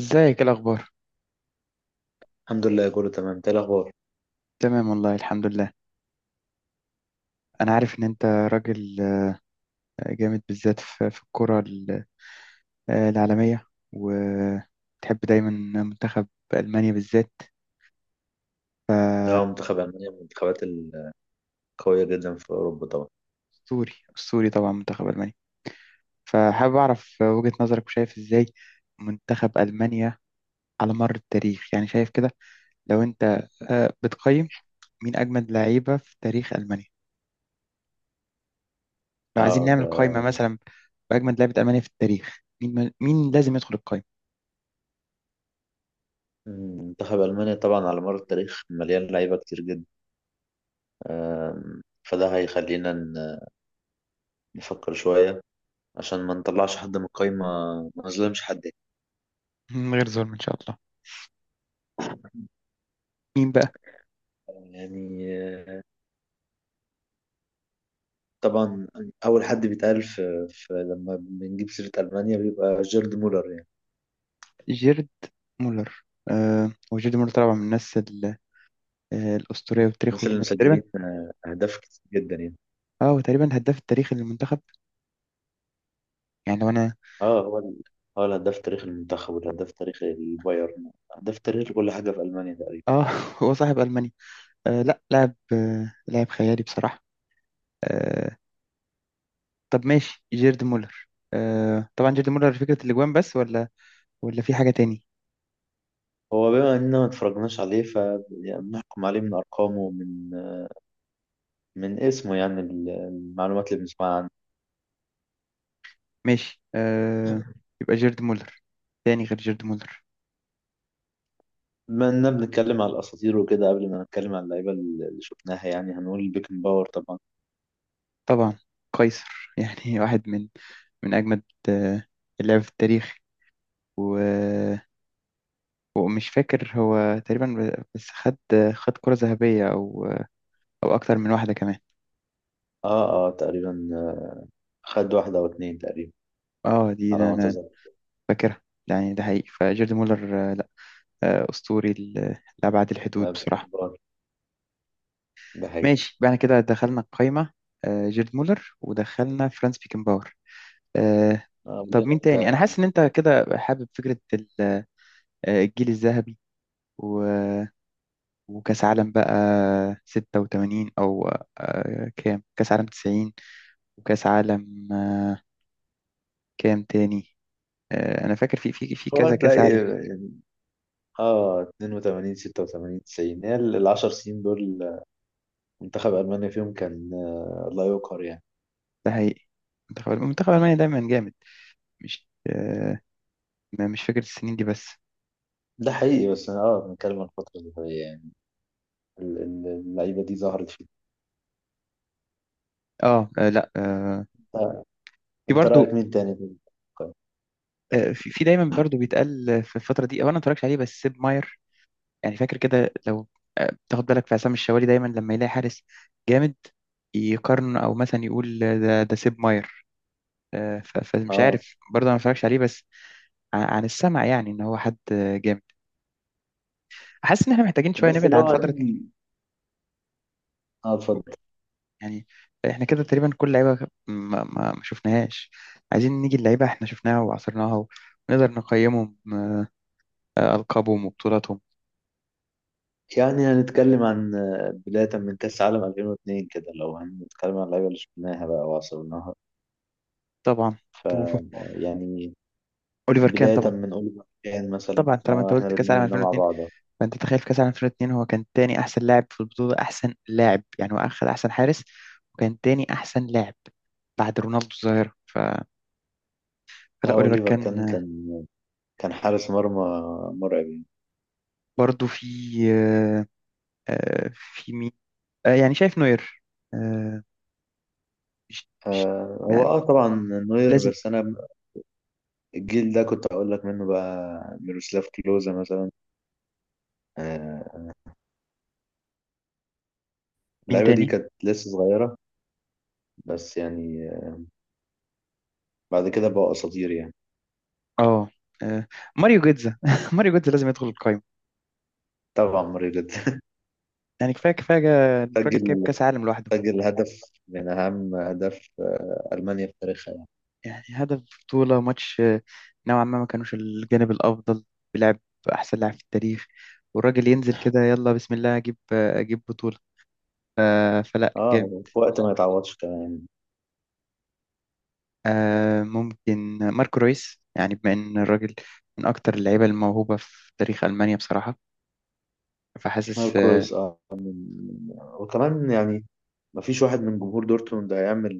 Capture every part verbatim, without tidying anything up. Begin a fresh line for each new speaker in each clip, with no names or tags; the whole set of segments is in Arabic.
ازيك؟ ايه الاخبار؟
الحمد لله كله تمام. ايه الاخبار؟
تمام والله، الحمد لله. انا عارف ان انت راجل آه، جامد، بالذات في في الكرة ال- آه، العالمية، وتحب دايما منتخب المانيا بالذات.
اه،
فاسطوري
منتخب المانيا من المنتخبات القويه جدا في اوروبا طبعا.
اسطوري طبعا، منتخب المانيا. فحابب اعرف وجهة نظرك، وشايف ازاي منتخب المانيا على مر التاريخ. يعني شايف كده، لو انت آه، بتقيم، مين اجمد لعيبة في تاريخ المانيا؟ لو عايزين
اه
نعمل
ده
قائمة مثلا باجمد لعيبة المانيا في التاريخ، مين مين لازم يدخل القائمة
مم، منتخب المانيا طبعا على مر التاريخ مليان لعيبه كتير جدا. آم، فده هيخلينا ن- نفكر شويه عشان ما نطلعش حد من القايمه، ما نظلمش حد.
من غير ظلم ان شاء الله؟ مين بقى؟
يعني آه، طبعا اول حد بيتقال في, في لما بنجيب سيره المانيا بيبقى جيرد مولر يعني.
جيرد مولر. آه، هو جيرد مولر طبعا من الناس ال- آه، الأسطورية، وتاريخه
مثلا
تقريبا.
مسجلين آه، اهداف كتير جدا يعني.
اه هو تقريبا هداف التاريخي للمنتخب. يعني لو انا،
اه هو ال- هو الهداف تاريخ المنتخب، والهداف تاريخ البايرن، هداف تاريخ كل حاجة في ألمانيا تقريبا.
اه، هو صاحب ألمانيا. آه، لا لاعب، آه لاعب خيالي بصراحة، آه. طب ماشي، جيرد مولر. آه، طبعا جيرد مولر فكرة الأجوان بس، ولا ولا في حاجة تاني؟
هو بما إننا ما اتفرجناش عليه فبنحكم عليه من أرقامه ومن من اسمه، يعني ال- المعلومات اللي بنسمعها عنه.
ماشي آه، يبقى جيرد مولر. تاني غير جيرد مولر؟
بما إننا بنتكلم على الأساطير وكده، قبل ما نتكلم على اللعيبة اللي شفناها، يعني هنقول بيكن باور طبعا.
طبعا، قيصر. يعني واحد من من أجمد آه اللعب في التاريخ. و ومش فاكر، هو تقريبا بس خد خد كرة ذهبية، أو أو أكتر من واحدة كمان.
اه اه تقريبا، آه، خد واحدة أو اتنين تقريبا
اه، دي
على
ده
ما
أنا
أتذكر.
فاكرها. يعني ده حقيقي، فجيرد مولر آه، لا آه، أسطوري ل- لأبعد الحدود
آه، بيكن
بصراحة.
باور ده حقيقي.
ماشي بعد كده، دخلنا القايمة آه، جيرد مولر، ودخلنا فرانس بيكنباور، آه.
آه، قبل
طب مين
انت،
تاني؟ أنا حاسس إن أنت كده حابب فكرة ال- آه، الجيل الذهبي و- وكأس عالم بقى ستة وتمانين، أو آه، كام؟ كأس عالم تسعين، وكأس عالم كام تاني؟ آه، انا فاكر في في في
هو
كذا كاس
هتلاقي
عالم.
اه اتنين وتمانين ستة وتمانين تسعين، هي ال عشر سنين دول منتخب ألمانيا فيهم كان آه، لا يقهر يعني.
ده حقيقي، منتخب منتخب المانيا دايما جامد، مش آه، ما- مش فاكر السنين دي بس.
ده حقيقي، بس أنا اه بنتكلم عن الفترة اللي هي يعني ال- ال- اللعيبة دي ظهرت فيه.
اه، آه، لا، آه،
آه،
في
أنت رأيك
برضو.
مين تاني في المنتخب؟
آه، في في دايما برضو بيتقال آه، في الفتره دي، او انا ما اتفرجش عليه بس، سيب ماير. يعني فاكر كده، لو آه، تاخد بالك في عصام الشوالي دايما لما يلاقي حارس جامد يقارن، او مثلا يقول آه، ده ده سيب ماير. آه، ف- فمش
اه،
عارف برضه، انا ما اتفرجش عليه بس ع- عن السمع، يعني ان هو حد آه، جامد. حاسس ان احنا محتاجين شويه
بس
نبعد
لو
عن فتره.
هنيجي، اه اتفضل.
يعني احنا كده تقريبا كل لعيبه ما, ما, ما شفناهاش، عايزين نيجي اللعيبه احنا شفناها وعصرناها ونقدر نقيمهم، آه، القابهم وبطولاتهم.
يعني هنتكلم عن آه، بداية من كأس عالم ألفين واتنين كده، لو هنتكلم عن اللعيبة اللي شفناها بقى وعصرناها.
طبعا.
ف
طب
يعني
اوليفر كان
بداية
طبعا.
من أوليفر كان مثلا،
طبعا طالما انت
اه احنا
قلت كاس
الاتنين
العالم
قلنا مع
ألفين واتنين،
بعض. اه،
فانت تخيل في كاس العالم ألفين واتنين هو كان تاني احسن لاعب في البطوله، احسن لاعب. يعني هو اخذ احسن حارس، وكان تاني احسن لاعب بعد رونالدو الظاهره. ف... فلا، اوليفر
أوليفر
كان،
كان
آه.
كان كان حارس مرمى مرعب.
برضو في آه، آه، في مين؟ آه، يعني شايف نوير. آه، مش مش
آه، هو
يعني،
اه طبعا نوير،
لازم.
بس انا الجيل ده كنت اقول لك منه بقى ميروسلاف كلوزا مثلا. آه،
مين
اللعيبه دي
تاني؟
كانت لسه صغيره، بس يعني آه، بعد كده بقوا اساطير يعني.
اه، آه، ماريو جيتزا. ماريو جيتزا لازم يدخل القايمة.
طبعا مريض.
يعني كفاية كفاية، جا- الراجل جايب
سجل
كأس عالم لوحده.
سجل هدف من اهم اهداف آه المانيا في تاريخها يعني.
يعني هدف بطولة ماتش، آه، نوعا ما، ما كانوش الجانب الأفضل، بيلعب أحسن لاعب في التاريخ، والراجل ينزل كده يلا بسم الله أجيب، آه، أجيب بطولة. آه، فلا،
اه،
جامد.
في وقت ما يتعوضش كمان.
آه، ممكن ماركو رويس، يعني بما إن الراجل من أكتر اللعيبة الموهوبة في تاريخ ألمانيا بصراحة.
نوير،
فحاسس اه،
كرويس، اه من- وكمان يعني ما فيش واحد من جمهور دورتموند هيعمل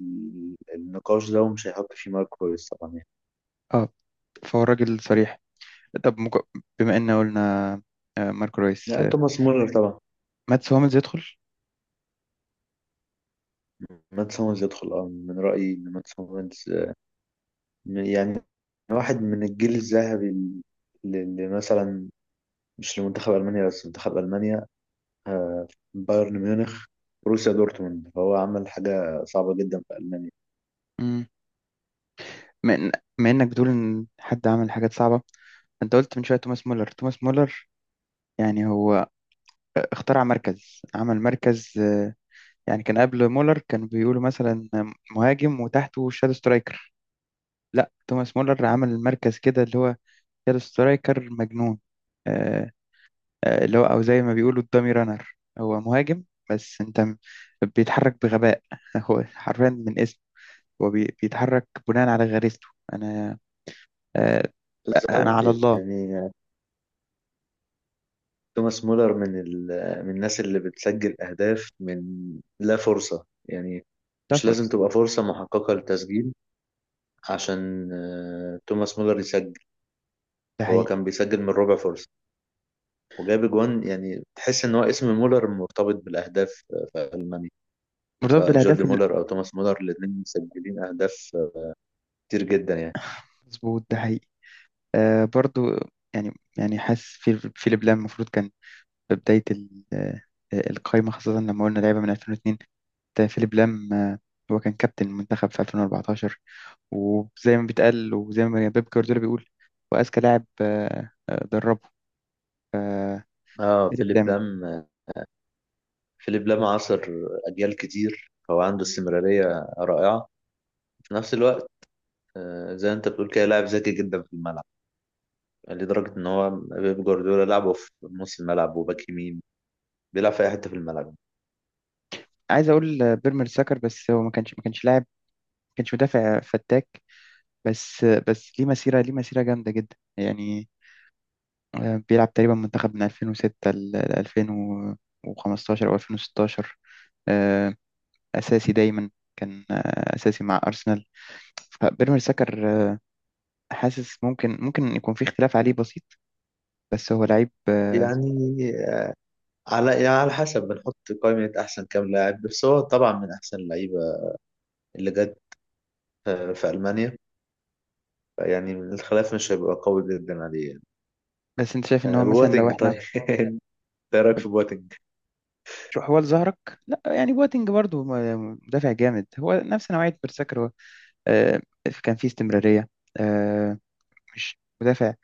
ال- النقاش ده ومش هيحط فيه مارك كويس طبعا يعني.
آه. فهو الراجل صريح. طب مك... بما ان قلنا آه، ماركو رويس
لا،
آه،
توماس مولر طبعا.
ماتس هوملز يدخل.
مات سومرز يدخل، اه من رأيي ان مات سومرز آه، يعني واحد من الجيل الذهبي اللي اللي مثلا مش لمنتخب ألمانيا بس، منتخب ألمانيا، آه، بايرن ميونخ، بروسيا دورتموند، فهو عمل حاجة صعبة جدا في ألمانيا.
مم. بما إن- بما انك بتقول ان حد عمل حاجات صعبه، انت قلت من شويه توماس مولر. توماس مولر يعني هو آه، اخترع مركز، عمل مركز، آه، يعني. كان قبل مولر كانوا بيقولوا مثلا مهاجم وتحته شادو سترايكر. لا، توماس مولر عمل مركز كده، اللي هو شادو سترايكر مجنون. آه، آه، اللي هو، او زي ما بيقولوا الدامي رانر، هو مهاجم بس انت م- بيتحرك بغباء. هو حرفيا من اسمه، هو بي- بيتحرك بناء على غريزته. انا آه، انا
بالظبط.
على الله.
يعني توماس مولر من ال... من الناس اللي بتسجل أهداف من لا فرصة يعني، مش
سفر.
لازم تبقى فرصة محققة للتسجيل عشان آه، توماس مولر يسجل.
ده
هو
حقيقي،
كان بيسجل من ربع فرصة، وجاب اجوان. يعني تحس ان هو اسم مولر مرتبط بالاهداف آه، في المانيا،
مرتبط
سواء
بالاهداف
جوردي
ال-
مولر او توماس مولر، الاثنين مسجلين اهداف آه، كتير جدا يعني.
مظبوط، ده حقيقي، آه، برضو. يعني يعني حاسس في في لبلان المفروض كان في بدايه ال- آه، القايمه، خاصه لما قلنا لعيبه من ألفين واتنين، ده فيليب لام. آه، هو كان كابتن المنتخب في ألفين واربعتاشر، وزي ما بيتقال وزي ما بيب جوارديولا بيقول، هو اذكى لاعب آه، آه، دربه، آه،
اه،
فيليب
فيليب
لام.
لام، آه، فيليب لام عاصر اجيال كتير، هو عنده استمراريه رائعه في نفس الوقت. آه، زي ما انت بتقول كده، لاعب ذكي جدا في الملعب لدرجه ان هو بيب جوارديولا لعبه في نص الملعب وباك يمين، بيلعب في اي حته في الملعب.
عايز اقول آه، بيرمر ساكر، بس هو ما كانش ما كانش لاعب، ما كانش مدافع فتاك، بس بس ليه مسيرة، ليه مسيرة جامدة جدا يعني. آه، بيلعب تقريبا منتخب من ألفين وستة ل ألفين وخمستاشر أو ألفين وستاشر. آه، أساسي دايما، كان آه، أساسي مع أرسنال. فبيراميد سكر، آه، حاسس ممكن ممكن يكون في اختلاف عليه بسيط، بس هو لعيب، آه.
يعني آه، على يعني على حسب بنحط قائمه احسن كام لاعب، بس هو طبعا من احسن اللعيبه اللي جت آه، في ألمانيا. يعني الخلاف مش هيبقى قوي جدا عليه يعني.
بس أنت شايف إن
آه،
هو مثلا، لو
بواتينج
إحنا،
طيب، ايه رأيك في بواتينج؟
شو حوال ظهرك. لا يعني، بواتينج برضو م- مدافع جامد، هو نفس نوعية بيرساكر. هو آه، كان فيه استمرارية، آه، مش مدافع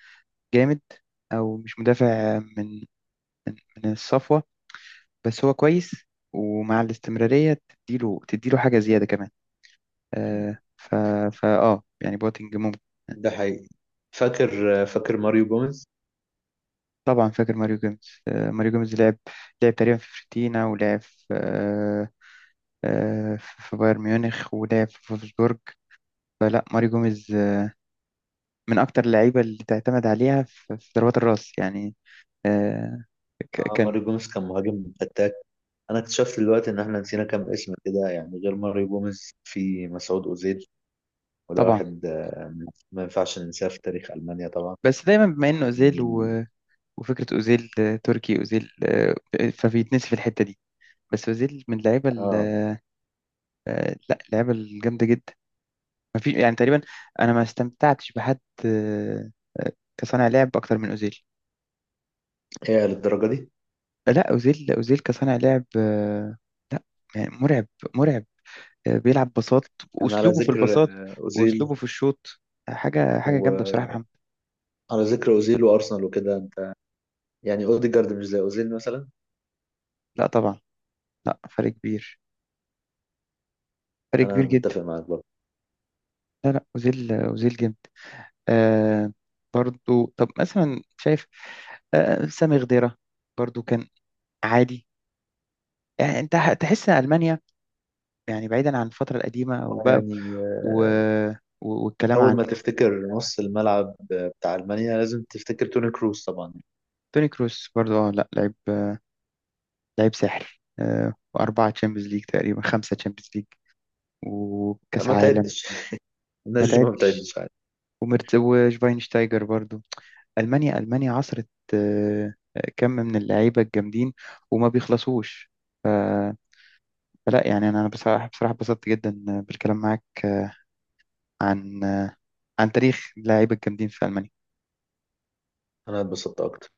جامد، او مش مدافع من من من الصفوه، بس هو كويس. ومع الاستمراريه تديله تديله حاجه زياده كمان، آه. ف فا اه يعني بوتنج ممكن.
ده حقيقي. فاكر آه، فاكر ماريو جوميز؟
طبعا فاكر ماريو جيمس. آه ماريو جيمس لعب، لعب تقريبا في فيورنتينا، ولعب في آه آه في بايرن ميونخ، ولعب في فولفسبورج. فلا، ماريو جيمس آه، من اكتر اللعيبه اللي تعتمد عليها في في ضربات الراس يعني، آه، ك-
اه،
كان.
ماريو جوميز كان مهاجم فتاك. انا اكتشفت دلوقتي ان احنا نسينا كام اسم كده، يعني غير ماريو جوميز في مسعود اوزيل، وده
طبعا
واحد آه، ما ينفعش ننساه في تاريخ ألمانيا طبعا.
بس دايما بما انه اوزيل.
من-
وفكرة أوزيل، آه، تركي أوزيل، آه، فبيتنسي في الحتة دي. بس أوزيل من اللعيبة ال-
اه،
آه، لا اللعيبة الجامدة جدا. ما في يعني، تقريبا أنا ما استمتعتش بحد آه، آه، كصانع لعب أكتر من أوزيل.
هي للدرجة دي؟
لا، أوزيل. أوزيل كصانع لعب، آه، لا يعني، مرعب، مرعب. آه، بيلعب بساط،
يعني على
وأسلوبه في
ذكر
البساط
آه، اوزيل،
وأسلوبه في الشوط حاجة، حاجة جامدة بصراحة يا
وعلى
محمد.
ذكر اوزيل وارسنال وكده انت، يعني اوديجارد مش زي اوزيل مثلا.
لا طبعا، لا فرق كبير فرق
انا
كبير جدا.
متفق معاك برضه.
لا لا، أوزيل، آه، أوزيل جامد، آه. برضو، طب مثلا شايف آه سامي غديرة برضو، كان عادي. يعني انت ح- تحس ان المانيا، يعني بعيدا عن الفتره القديمه وبقى،
يعني
و... و... والكلام
أول ما
عن
تفتكر نص الملعب بتاع ألمانيا لازم تفتكر توني كروس طبعا.
توني كروس برضو. اه لا، لعيب، لعيب ساحر، آه، واربعه تشامبيونز ليج، تقريبا خمسه تشامبيونز ليج، وكاس
ما
عالم.
تعدش.
ما
الناس دي ما
تعدش.
بتعدش عادي.
ومرت... وشفاينشتايجر برضو. المانيا، المانيا عصرت آه كم من اللعيبه الجامدين، وما بيخلصوش. فلا يعني، انا أنا بصراحه، بصراحه اتبسطت جدا بالكلام معاك عن عن تاريخ اللاعيبه الجامدين في المانيا.
أنا اتبسطت أكتر.